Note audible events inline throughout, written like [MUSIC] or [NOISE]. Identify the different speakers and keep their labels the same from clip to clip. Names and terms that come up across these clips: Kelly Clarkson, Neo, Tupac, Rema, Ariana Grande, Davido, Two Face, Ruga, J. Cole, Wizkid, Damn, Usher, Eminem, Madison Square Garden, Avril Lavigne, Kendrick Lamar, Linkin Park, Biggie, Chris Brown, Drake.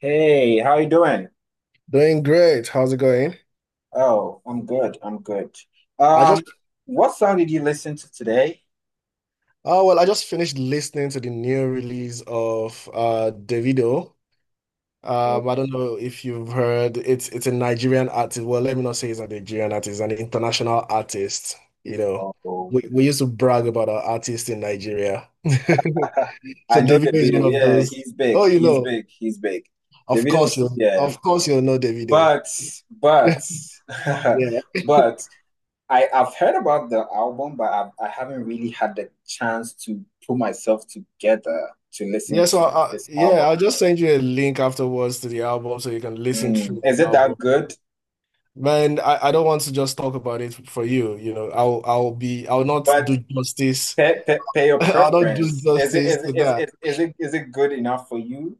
Speaker 1: Hey, how you doing?
Speaker 2: Doing great. How's it going?
Speaker 1: Oh, I'm good. I'm good.
Speaker 2: I just
Speaker 1: Um, what song did you listen to today?
Speaker 2: oh well, I just finished listening to the new release of Davido. I don't know if you've heard, it's a Nigerian artist. Well, let me not say he's a Nigerian artist, an international artist. You know,
Speaker 1: Oh, oh.
Speaker 2: we used to brag about our artists in Nigeria. [LAUGHS]
Speaker 1: [LAUGHS]
Speaker 2: So
Speaker 1: I know
Speaker 2: Davido
Speaker 1: the
Speaker 2: is
Speaker 1: video.
Speaker 2: one of
Speaker 1: Yeah,
Speaker 2: those.
Speaker 1: he's big.
Speaker 2: Oh,
Speaker 1: He's big. He's big. The
Speaker 2: of
Speaker 1: video
Speaker 2: course
Speaker 1: is,
Speaker 2: you
Speaker 1: yeah.
Speaker 2: of course you'll know Davido.
Speaker 1: But but [LAUGHS]
Speaker 2: Yeah.
Speaker 1: but I've heard about the album, but I haven't really had the chance to put myself together to listen
Speaker 2: Yeah, so
Speaker 1: to
Speaker 2: I,
Speaker 1: this
Speaker 2: yeah,
Speaker 1: album.
Speaker 2: I'll just send you a link afterwards to the album so you can listen
Speaker 1: Mm,
Speaker 2: through the
Speaker 1: is it that
Speaker 2: album.
Speaker 1: good?
Speaker 2: Man, I don't want to just talk about it for you. I'll not
Speaker 1: But
Speaker 2: do justice.
Speaker 1: pay
Speaker 2: [LAUGHS]
Speaker 1: your
Speaker 2: I'll not do
Speaker 1: preference. Is it
Speaker 2: justice
Speaker 1: is it
Speaker 2: to
Speaker 1: is
Speaker 2: that.
Speaker 1: it is it is it good enough for you?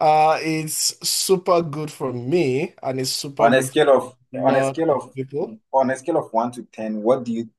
Speaker 2: It's super good for me, and it's super
Speaker 1: On a
Speaker 2: good for a
Speaker 1: scale of on a
Speaker 2: lot
Speaker 1: scale
Speaker 2: of
Speaker 1: of
Speaker 2: people.
Speaker 1: on a scale of one to ten, what do you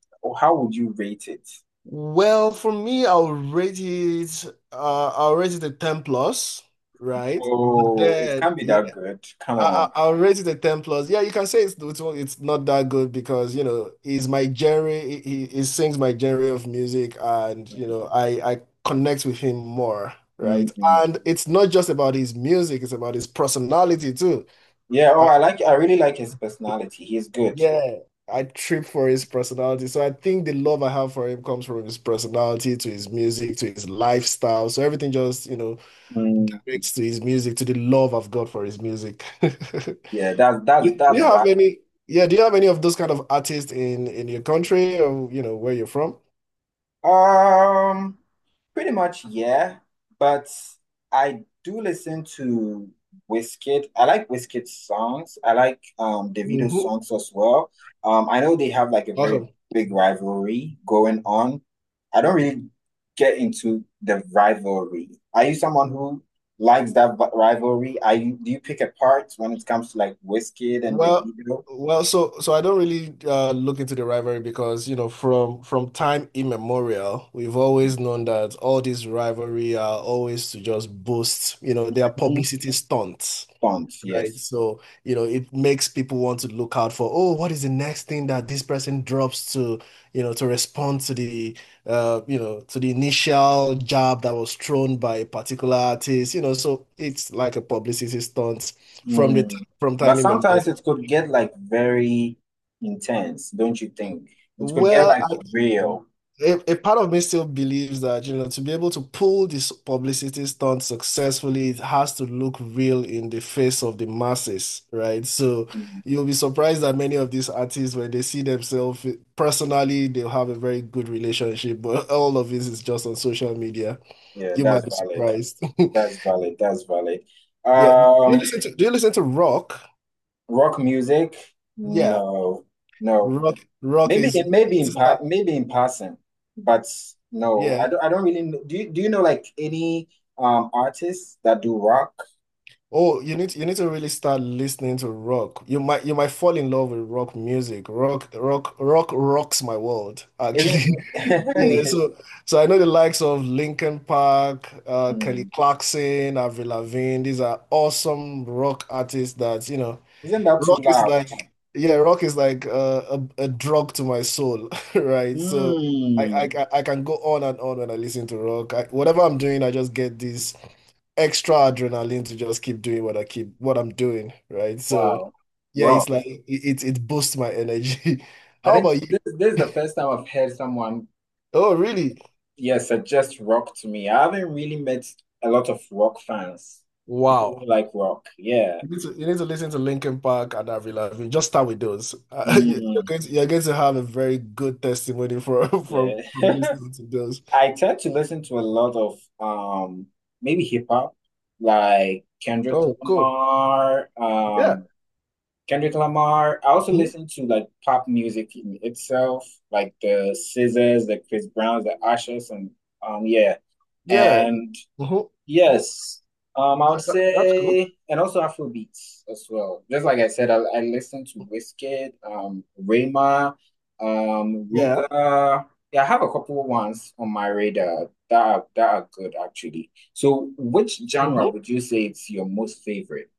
Speaker 1: how would you rate it?
Speaker 2: Well, for me, I'll rate it a 10 plus, right? But
Speaker 1: Oh, it
Speaker 2: then
Speaker 1: can't be that
Speaker 2: yeah,
Speaker 1: good. Come on.
Speaker 2: I'll rate it a 10 plus. Yeah, you can say it's not that good because, you know, he's my genre. He sings my genre of music, and you know I connect with him more, right?
Speaker 1: Mm.
Speaker 2: And it's not just about his music; it's about his personality too.
Speaker 1: Yeah, oh
Speaker 2: I,
Speaker 1: I really like his personality. He's good.
Speaker 2: yeah, I trip for his personality. So I think the love I have for him comes from his personality to his music to his lifestyle. So everything just
Speaker 1: Mm.
Speaker 2: directs to his music, to the love I've got for his music. [LAUGHS] Do
Speaker 1: Yeah, that's that's
Speaker 2: do you
Speaker 1: that's
Speaker 2: have
Speaker 1: valid.
Speaker 2: any, yeah, do you have any of those kind of artists in your country, or you know where you're from?
Speaker 1: Um, pretty much, yeah. But I do listen to Wizkid. I like Wizkid's songs. I like Davido's
Speaker 2: Hmm.
Speaker 1: songs as well. I know they have like a very
Speaker 2: Awesome.
Speaker 1: big rivalry going on. I don't really get into the rivalry. Are you someone who likes that rivalry? Are you Do you pick apart when it comes to like Wizkid and
Speaker 2: Well,
Speaker 1: Davido?
Speaker 2: well, so I don't really look into the rivalry, because you know from time immemorial we've always known that all these rivalry are always to just boost, you know, their
Speaker 1: Mhm.
Speaker 2: publicity stunts.
Speaker 1: Don't,
Speaker 2: Right.
Speaker 1: yes.
Speaker 2: So, it makes people want to look out for, oh, what is the next thing that this person drops, to, to respond to to the initial jab that was thrown by a particular artist, so it's like a publicity stunt from
Speaker 1: Mm.
Speaker 2: from
Speaker 1: But
Speaker 2: time immemorial.
Speaker 1: sometimes it could get like very intense, don't you think? It could get
Speaker 2: Well,
Speaker 1: like real.
Speaker 2: a part of me still believes that, to be able to pull this publicity stunt successfully, it has to look real in the face of the masses, right? So
Speaker 1: Mm.
Speaker 2: you'll be surprised that many of these artists, when they see themselves personally, they'll have a very good relationship, but [LAUGHS] all of this is just on social media.
Speaker 1: Yeah,
Speaker 2: You might
Speaker 1: that's
Speaker 2: be
Speaker 1: valid.
Speaker 2: surprised. [LAUGHS]
Speaker 1: That's valid. That's valid.
Speaker 2: Yeah. Do you
Speaker 1: Um,
Speaker 2: listen to do you listen to rock?
Speaker 1: rock music?
Speaker 2: Yeah.
Speaker 1: No, no.
Speaker 2: Rock rock
Speaker 1: Maybe
Speaker 2: is
Speaker 1: in maybe in part, maybe in passing, but no, I
Speaker 2: Yeah.
Speaker 1: don't really know. Do you know like any artists that do rock?
Speaker 2: Oh, you need to really start listening to rock. You might fall in love with rock music. Rock rocks my world,
Speaker 1: Isn't
Speaker 2: actually. [LAUGHS] Yeah,
Speaker 1: [LAUGHS]
Speaker 2: so I know the likes of Linkin Park, Kelly
Speaker 1: Mm.
Speaker 2: Clarkson, Avril Lavigne. These are awesome rock artists that,
Speaker 1: Isn't that too
Speaker 2: rock is
Speaker 1: loud?
Speaker 2: like yeah, rock is like a drug to my soul, [LAUGHS] right? So
Speaker 1: Mm.
Speaker 2: I can go on and on when I listen to rock. Whatever I'm doing, I just get this extra adrenaline to just keep doing what I'm doing, right? So
Speaker 1: Wow.
Speaker 2: yeah, it's
Speaker 1: Rock.
Speaker 2: like it boosts my energy. [LAUGHS]
Speaker 1: I
Speaker 2: How
Speaker 1: think
Speaker 2: about you?
Speaker 1: this is the first time I've heard someone,
Speaker 2: Oh, really?
Speaker 1: yeah, suggest rock to me. I haven't really met a lot of rock fans, people
Speaker 2: Wow.
Speaker 1: who like rock. Yeah.
Speaker 2: You need to listen to Linkin Park and Avril Lavigne. Just start with those. [LAUGHS] You- you're
Speaker 1: Mm,
Speaker 2: going to, you're going to have a very good testimony for [LAUGHS] from
Speaker 1: yeah. [LAUGHS]
Speaker 2: listening to those.
Speaker 1: I tend to listen to a lot of um maybe hip hop, like Kendrick
Speaker 2: Oh, cool.
Speaker 1: Lamar,
Speaker 2: Yeah.
Speaker 1: um Kendrick Lamar. I also
Speaker 2: Mhm.
Speaker 1: listen to like pop music in itself, like the Scissors, the Chris Browns, the Ushers, and yeah.
Speaker 2: Yeah.
Speaker 1: And
Speaker 2: Mhm.
Speaker 1: yes, I would
Speaker 2: That's cool.
Speaker 1: say, and also Afrobeats as well. Just like I said, I listen to Wizkid, Rema,
Speaker 2: Yeah.
Speaker 1: Ruga. Yeah, I have a couple ones on my radar that are good actually. So, which genre
Speaker 2: Mhm.
Speaker 1: would you say it's your most favorite?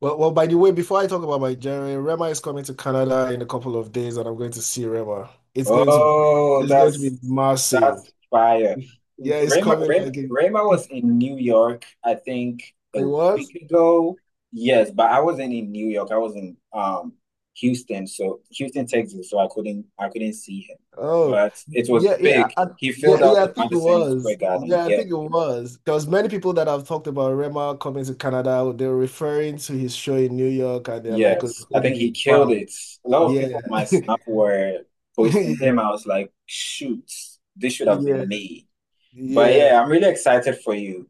Speaker 2: Well, by the way, before I talk about my journey, Rema is coming to Canada in a couple of days, and I'm going to see Rema. It's going to be,
Speaker 1: Oh,
Speaker 2: it's going to
Speaker 1: that's
Speaker 2: be massive.
Speaker 1: that's fire.
Speaker 2: Yeah, it's
Speaker 1: Rayma,
Speaker 2: coming
Speaker 1: Ray,
Speaker 2: like in-
Speaker 1: Rayma
Speaker 2: [LAUGHS] it
Speaker 1: was in New York, I think a
Speaker 2: was.
Speaker 1: week ago. Yes, but I wasn't in New York. I was in Houston, so Houston, Texas, so I couldn't see him.
Speaker 2: Oh,
Speaker 1: But it was
Speaker 2: yeah, yeah,
Speaker 1: big. He
Speaker 2: yeah,
Speaker 1: filled out
Speaker 2: yeah. I
Speaker 1: the
Speaker 2: think it
Speaker 1: Madison Square
Speaker 2: was.
Speaker 1: Garden.
Speaker 2: Yeah, I
Speaker 1: Yeah.
Speaker 2: think it was. There was many people that have talked about Rema coming to Canada. They're referring to his show in New York, and they're like, "Oh, it's
Speaker 1: Yes. I
Speaker 2: going to
Speaker 1: think
Speaker 2: be
Speaker 1: he killed
Speaker 2: bang."
Speaker 1: it. A lot of
Speaker 2: Yeah,
Speaker 1: people on my Snap
Speaker 2: [LAUGHS]
Speaker 1: were posting him.
Speaker 2: yeah,
Speaker 1: I was like, shoot, this should have
Speaker 2: yeah,
Speaker 1: been me. But
Speaker 2: yeah,
Speaker 1: yeah, I'm really excited for you.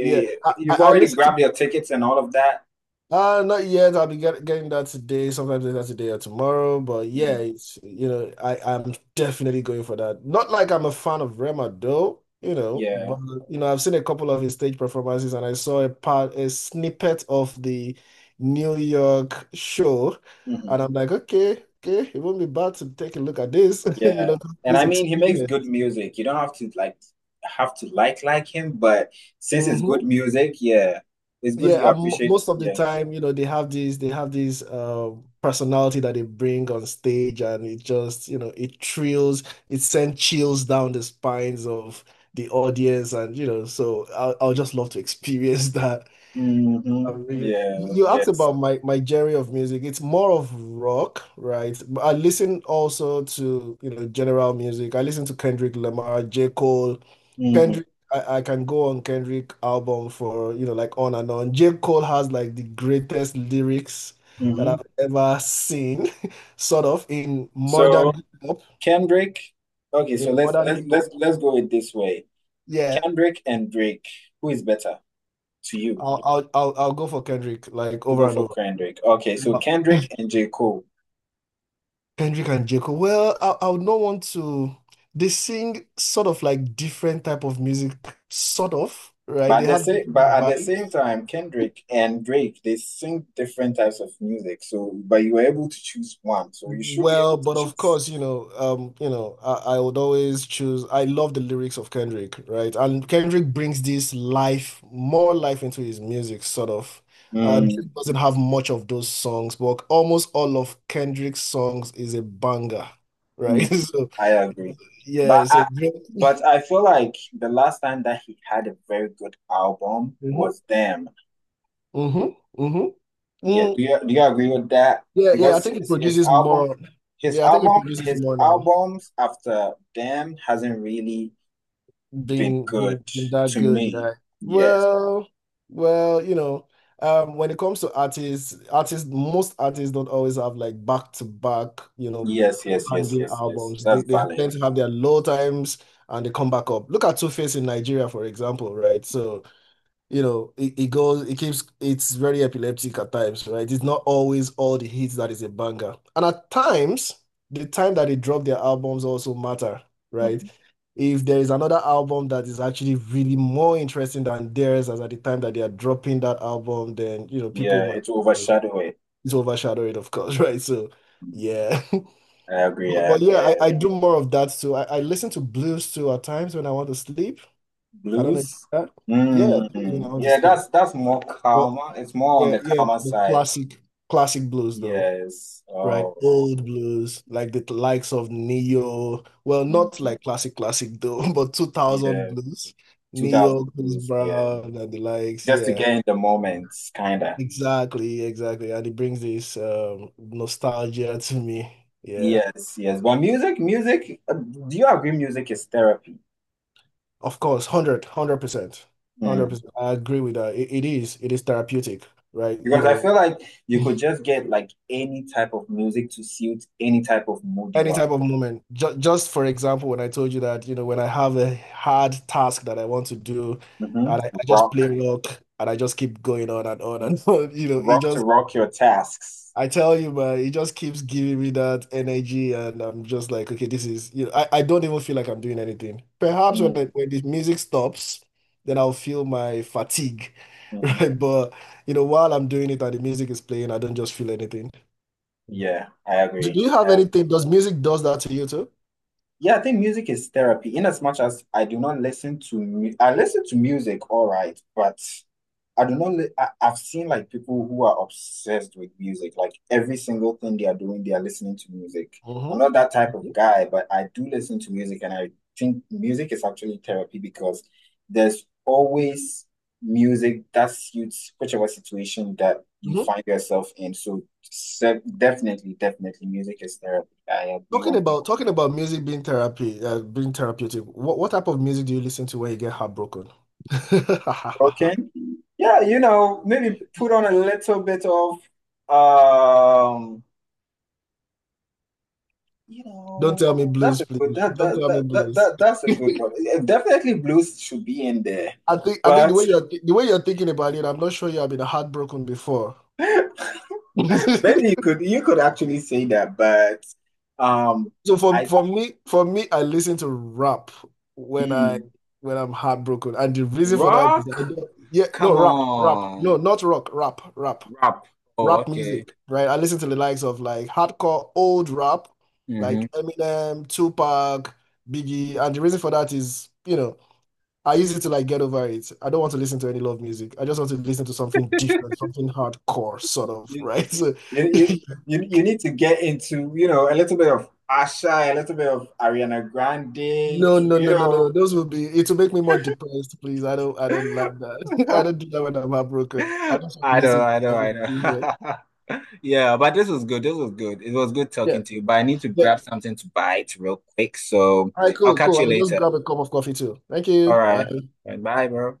Speaker 2: yeah. I, I
Speaker 1: You've
Speaker 2: I
Speaker 1: already
Speaker 2: listened to.
Speaker 1: grabbed your tickets and all of that.
Speaker 2: Not yet. I'll be getting that today, sometimes later today or tomorrow. But yeah,
Speaker 1: Mm,
Speaker 2: it's, I'm definitely going for that. Not like I'm a fan of Rema though, but
Speaker 1: yeah.
Speaker 2: I've seen a couple of his stage performances, and I saw a snippet of the New York show,
Speaker 1: Hmm.
Speaker 2: and I'm like, okay, okay, it won't be bad to take a look at this, [LAUGHS]
Speaker 1: Yeah. And
Speaker 2: this
Speaker 1: I mean, he makes good
Speaker 2: experience.
Speaker 1: music. You don't have to like him, but since it's good
Speaker 2: Mm-hmm.
Speaker 1: music, yeah, it's good
Speaker 2: Yeah,
Speaker 1: you appreciate.
Speaker 2: most of the
Speaker 1: Yeah.
Speaker 2: time, they have these personality that they bring on stage, and it just, you know, it thrills, it sends chills down the spines of the audience, and so I'll just love to [LAUGHS] experience that.
Speaker 1: Hmm. Yeah.
Speaker 2: You asked
Speaker 1: Yes.
Speaker 2: about my genre of music. It's more of rock, right? But I listen also to, general music. I listen to Kendrick Lamar, J. Cole.
Speaker 1: Hmm.
Speaker 2: Kendrick, I can go on Kendrick album for, like, on and on. J. Cole has like the greatest lyrics that
Speaker 1: Hmm.
Speaker 2: I've ever seen, [LAUGHS] sort of, in modern
Speaker 1: So
Speaker 2: hip hop.
Speaker 1: Kendrick. Okay,
Speaker 2: In
Speaker 1: so let's
Speaker 2: modern
Speaker 1: let's
Speaker 2: hip hop.
Speaker 1: let's let's go with this way.
Speaker 2: Yeah.
Speaker 1: Kendrick and Drake, who is better to you?
Speaker 2: I'll go for Kendrick like,
Speaker 1: You
Speaker 2: over
Speaker 1: go
Speaker 2: and
Speaker 1: for
Speaker 2: over.
Speaker 1: Kendrick. Okay, so Kendrick and J. Cole.
Speaker 2: Kendrick and Jacob. Well, I would not want to. They sing sort of like different type of music, sort of, right?
Speaker 1: But at
Speaker 2: They
Speaker 1: the
Speaker 2: have
Speaker 1: same, but
Speaker 2: different
Speaker 1: at the same
Speaker 2: vibes.
Speaker 1: time, Kendrick and Drake, they sing different types of music. So, but you were able to choose one. So you should be able
Speaker 2: Well,
Speaker 1: to
Speaker 2: but of
Speaker 1: choose.
Speaker 2: course, I would always choose. I love the lyrics of Kendrick, right? And Kendrick brings more life into his music, sort of.
Speaker 1: Mm,
Speaker 2: Drake doesn't have much of those songs, but almost all of Kendrick's songs is a banger, right?
Speaker 1: mm,
Speaker 2: [LAUGHS] So
Speaker 1: I agree.
Speaker 2: yeah,
Speaker 1: But
Speaker 2: so
Speaker 1: I,
Speaker 2: Drake.
Speaker 1: but I feel like the last time that he had a very good album was Damn.
Speaker 2: Mm-hmm. Mm-hmm.
Speaker 1: Yeah,
Speaker 2: Mm,
Speaker 1: do you agree with that?
Speaker 2: yeah, yeah. I
Speaker 1: Because
Speaker 2: think it
Speaker 1: his, his
Speaker 2: produces
Speaker 1: album,
Speaker 2: more.
Speaker 1: his
Speaker 2: Yeah, I think it
Speaker 1: album,
Speaker 2: produces
Speaker 1: his
Speaker 2: more now,
Speaker 1: albums after Damn hasn't really been
Speaker 2: being
Speaker 1: good
Speaker 2: being, being that
Speaker 1: to
Speaker 2: good,
Speaker 1: me.
Speaker 2: right?
Speaker 1: Yes.
Speaker 2: Well, well, when it comes to artists, most artists don't always have like back to back,
Speaker 1: Yes, yes, yes,
Speaker 2: banging
Speaker 1: yes, yes.
Speaker 2: albums. They
Speaker 1: That's
Speaker 2: they
Speaker 1: valid.
Speaker 2: tend to have their low times and they come back up. Look at Two Face in Nigeria, for example, right? So you know, it goes, it keeps, it's very epileptic at times, right? It's not always all the hits that is a banger. And at times, the time that they drop their albums also matter, right?
Speaker 1: Mhm.
Speaker 2: If there is another album that is actually really more interesting than theirs as at the time that they are dropping that album, then, people
Speaker 1: Yeah,
Speaker 2: might
Speaker 1: it overshadow it.
Speaker 2: it's overshadow it, of course, [LAUGHS] right? So, yeah. [LAUGHS]
Speaker 1: I agree,
Speaker 2: But,
Speaker 1: I
Speaker 2: but yeah,
Speaker 1: agree,
Speaker 2: I,
Speaker 1: I
Speaker 2: I do
Speaker 1: agree.
Speaker 2: more of that too. I listen to blues too at times when I want to sleep. I don't know if you
Speaker 1: Blues?
Speaker 2: do that. Yeah, blues when I
Speaker 1: Mm,
Speaker 2: want to
Speaker 1: yeah,
Speaker 2: sleep.
Speaker 1: that's more
Speaker 2: But
Speaker 1: calmer. It's more on
Speaker 2: yeah,
Speaker 1: the
Speaker 2: yeah,
Speaker 1: calmer
Speaker 2: the
Speaker 1: side.
Speaker 2: classic classic blues though,
Speaker 1: Yes.
Speaker 2: right?
Speaker 1: Oh.
Speaker 2: Old blues, like the likes of Neo. Well, not
Speaker 1: Mhm.
Speaker 2: like classic classic though, [LAUGHS] but 2000
Speaker 1: Yeah.
Speaker 2: blues. Neo,
Speaker 1: 2000
Speaker 2: Chris
Speaker 1: blues. Yeah.
Speaker 2: Brown, and the likes.
Speaker 1: Just to
Speaker 2: Yeah,
Speaker 1: get in the moments, kinda.
Speaker 2: exactly, exactly. And it brings this nostalgia to me. Yeah.
Speaker 1: Yes, yes. But music, do you agree music is therapy?
Speaker 2: Of course, 100, percent
Speaker 1: Hmm.
Speaker 2: 100%. I agree with that. It is therapeutic, right? You
Speaker 1: Because I
Speaker 2: know,
Speaker 1: feel like you could just get like any type of music to suit any type of mood you
Speaker 2: any
Speaker 1: are.
Speaker 2: type of moment. Ju Just for example, when I told you that, when I have a hard task that I want to do,
Speaker 1: Hmm.
Speaker 2: and I just play
Speaker 1: Rock,
Speaker 2: rock, and I just keep going on and [LAUGHS] on. It
Speaker 1: rock to
Speaker 2: just—
Speaker 1: rock your tasks.
Speaker 2: I tell you, man, it just keeps giving me that energy, and I'm just like, okay, this is, you know, I don't even feel like I'm doing anything. Perhaps when
Speaker 1: Mm-hmm.
Speaker 2: when the music stops, then I'll feel my fatigue, [LAUGHS] right? But you know, while I'm doing it and the music is playing, I don't just feel anything.
Speaker 1: Yeah, I
Speaker 2: Do
Speaker 1: agree.
Speaker 2: you have
Speaker 1: I agree.
Speaker 2: anything? Does that to you too?
Speaker 1: Yeah, I think music is therapy in as much as I do not listen to mu I listen to music, all right, but I do not li I've seen like people who are obsessed with music, like every single thing they are doing, they are listening to music. I'm not that type
Speaker 2: Mm-hmm.
Speaker 1: of guy, but I do listen to music and I think music is actually therapy because there's always music that suits whichever situation that you
Speaker 2: Hmm.
Speaker 1: find yourself in. So definitely, definitely music is therapy. I agree one. hundred percent.
Speaker 2: Talking about music being therapy, being therapeutic. What type of music do you listen to when you get heartbroken? [LAUGHS]
Speaker 1: Okay. Yeah, you know, maybe put on a little bit of um, you
Speaker 2: Don't
Speaker 1: know,
Speaker 2: tell me
Speaker 1: that's
Speaker 2: blues,
Speaker 1: a good
Speaker 2: please. Don't tell me blues.
Speaker 1: that's a
Speaker 2: [LAUGHS]
Speaker 1: good one. Definitely blues should be in there.
Speaker 2: I think
Speaker 1: But
Speaker 2: the way you're thinking about it, I'm not sure you have been heartbroken before.
Speaker 1: [LAUGHS] maybe
Speaker 2: [LAUGHS]
Speaker 1: you could actually say that, but um
Speaker 2: So
Speaker 1: I
Speaker 2: for me, I listen to rap when I
Speaker 1: mm,
Speaker 2: when I'm heartbroken, and the reason for that is— I
Speaker 1: rock,
Speaker 2: don't, yeah, no,
Speaker 1: come
Speaker 2: rap, rap, no,
Speaker 1: on,
Speaker 2: not rock, rap, rap.
Speaker 1: rap. Oh,
Speaker 2: Rap
Speaker 1: okay.
Speaker 2: music, right? I listen to the likes of like hardcore old rap,
Speaker 1: Mm-hmm.
Speaker 2: like Eminem, Tupac, Biggie, and the reason for that is, I use it to like get over it. I don't want to listen to any love music. I just want to listen to something different, something hardcore, sort of, right? [LAUGHS] So,
Speaker 1: You, you, you need to get into, a little bit of Asha, a little bit of Ariana Grande,
Speaker 2: no, no,
Speaker 1: you
Speaker 2: no, no, no,
Speaker 1: know.
Speaker 2: no. Those will be— it will make me more depressed, please. I don't like that. [LAUGHS] I don't do
Speaker 1: [LAUGHS]
Speaker 2: that when I'm heartbroken. I just want to
Speaker 1: I know,
Speaker 2: listen to
Speaker 1: I know, I
Speaker 2: something different.
Speaker 1: know. [LAUGHS] Yeah, but this was good. This was good. It was good
Speaker 2: Yeah.
Speaker 1: talking to you, but I need to
Speaker 2: Yeah.
Speaker 1: grab something to bite real quick. So
Speaker 2: All right,
Speaker 1: I'll
Speaker 2: cool,
Speaker 1: catch
Speaker 2: cool.
Speaker 1: you
Speaker 2: I'll just
Speaker 1: later.
Speaker 2: grab a cup of coffee too. Thank
Speaker 1: All
Speaker 2: you. Bye.
Speaker 1: right. All right, bye, bro.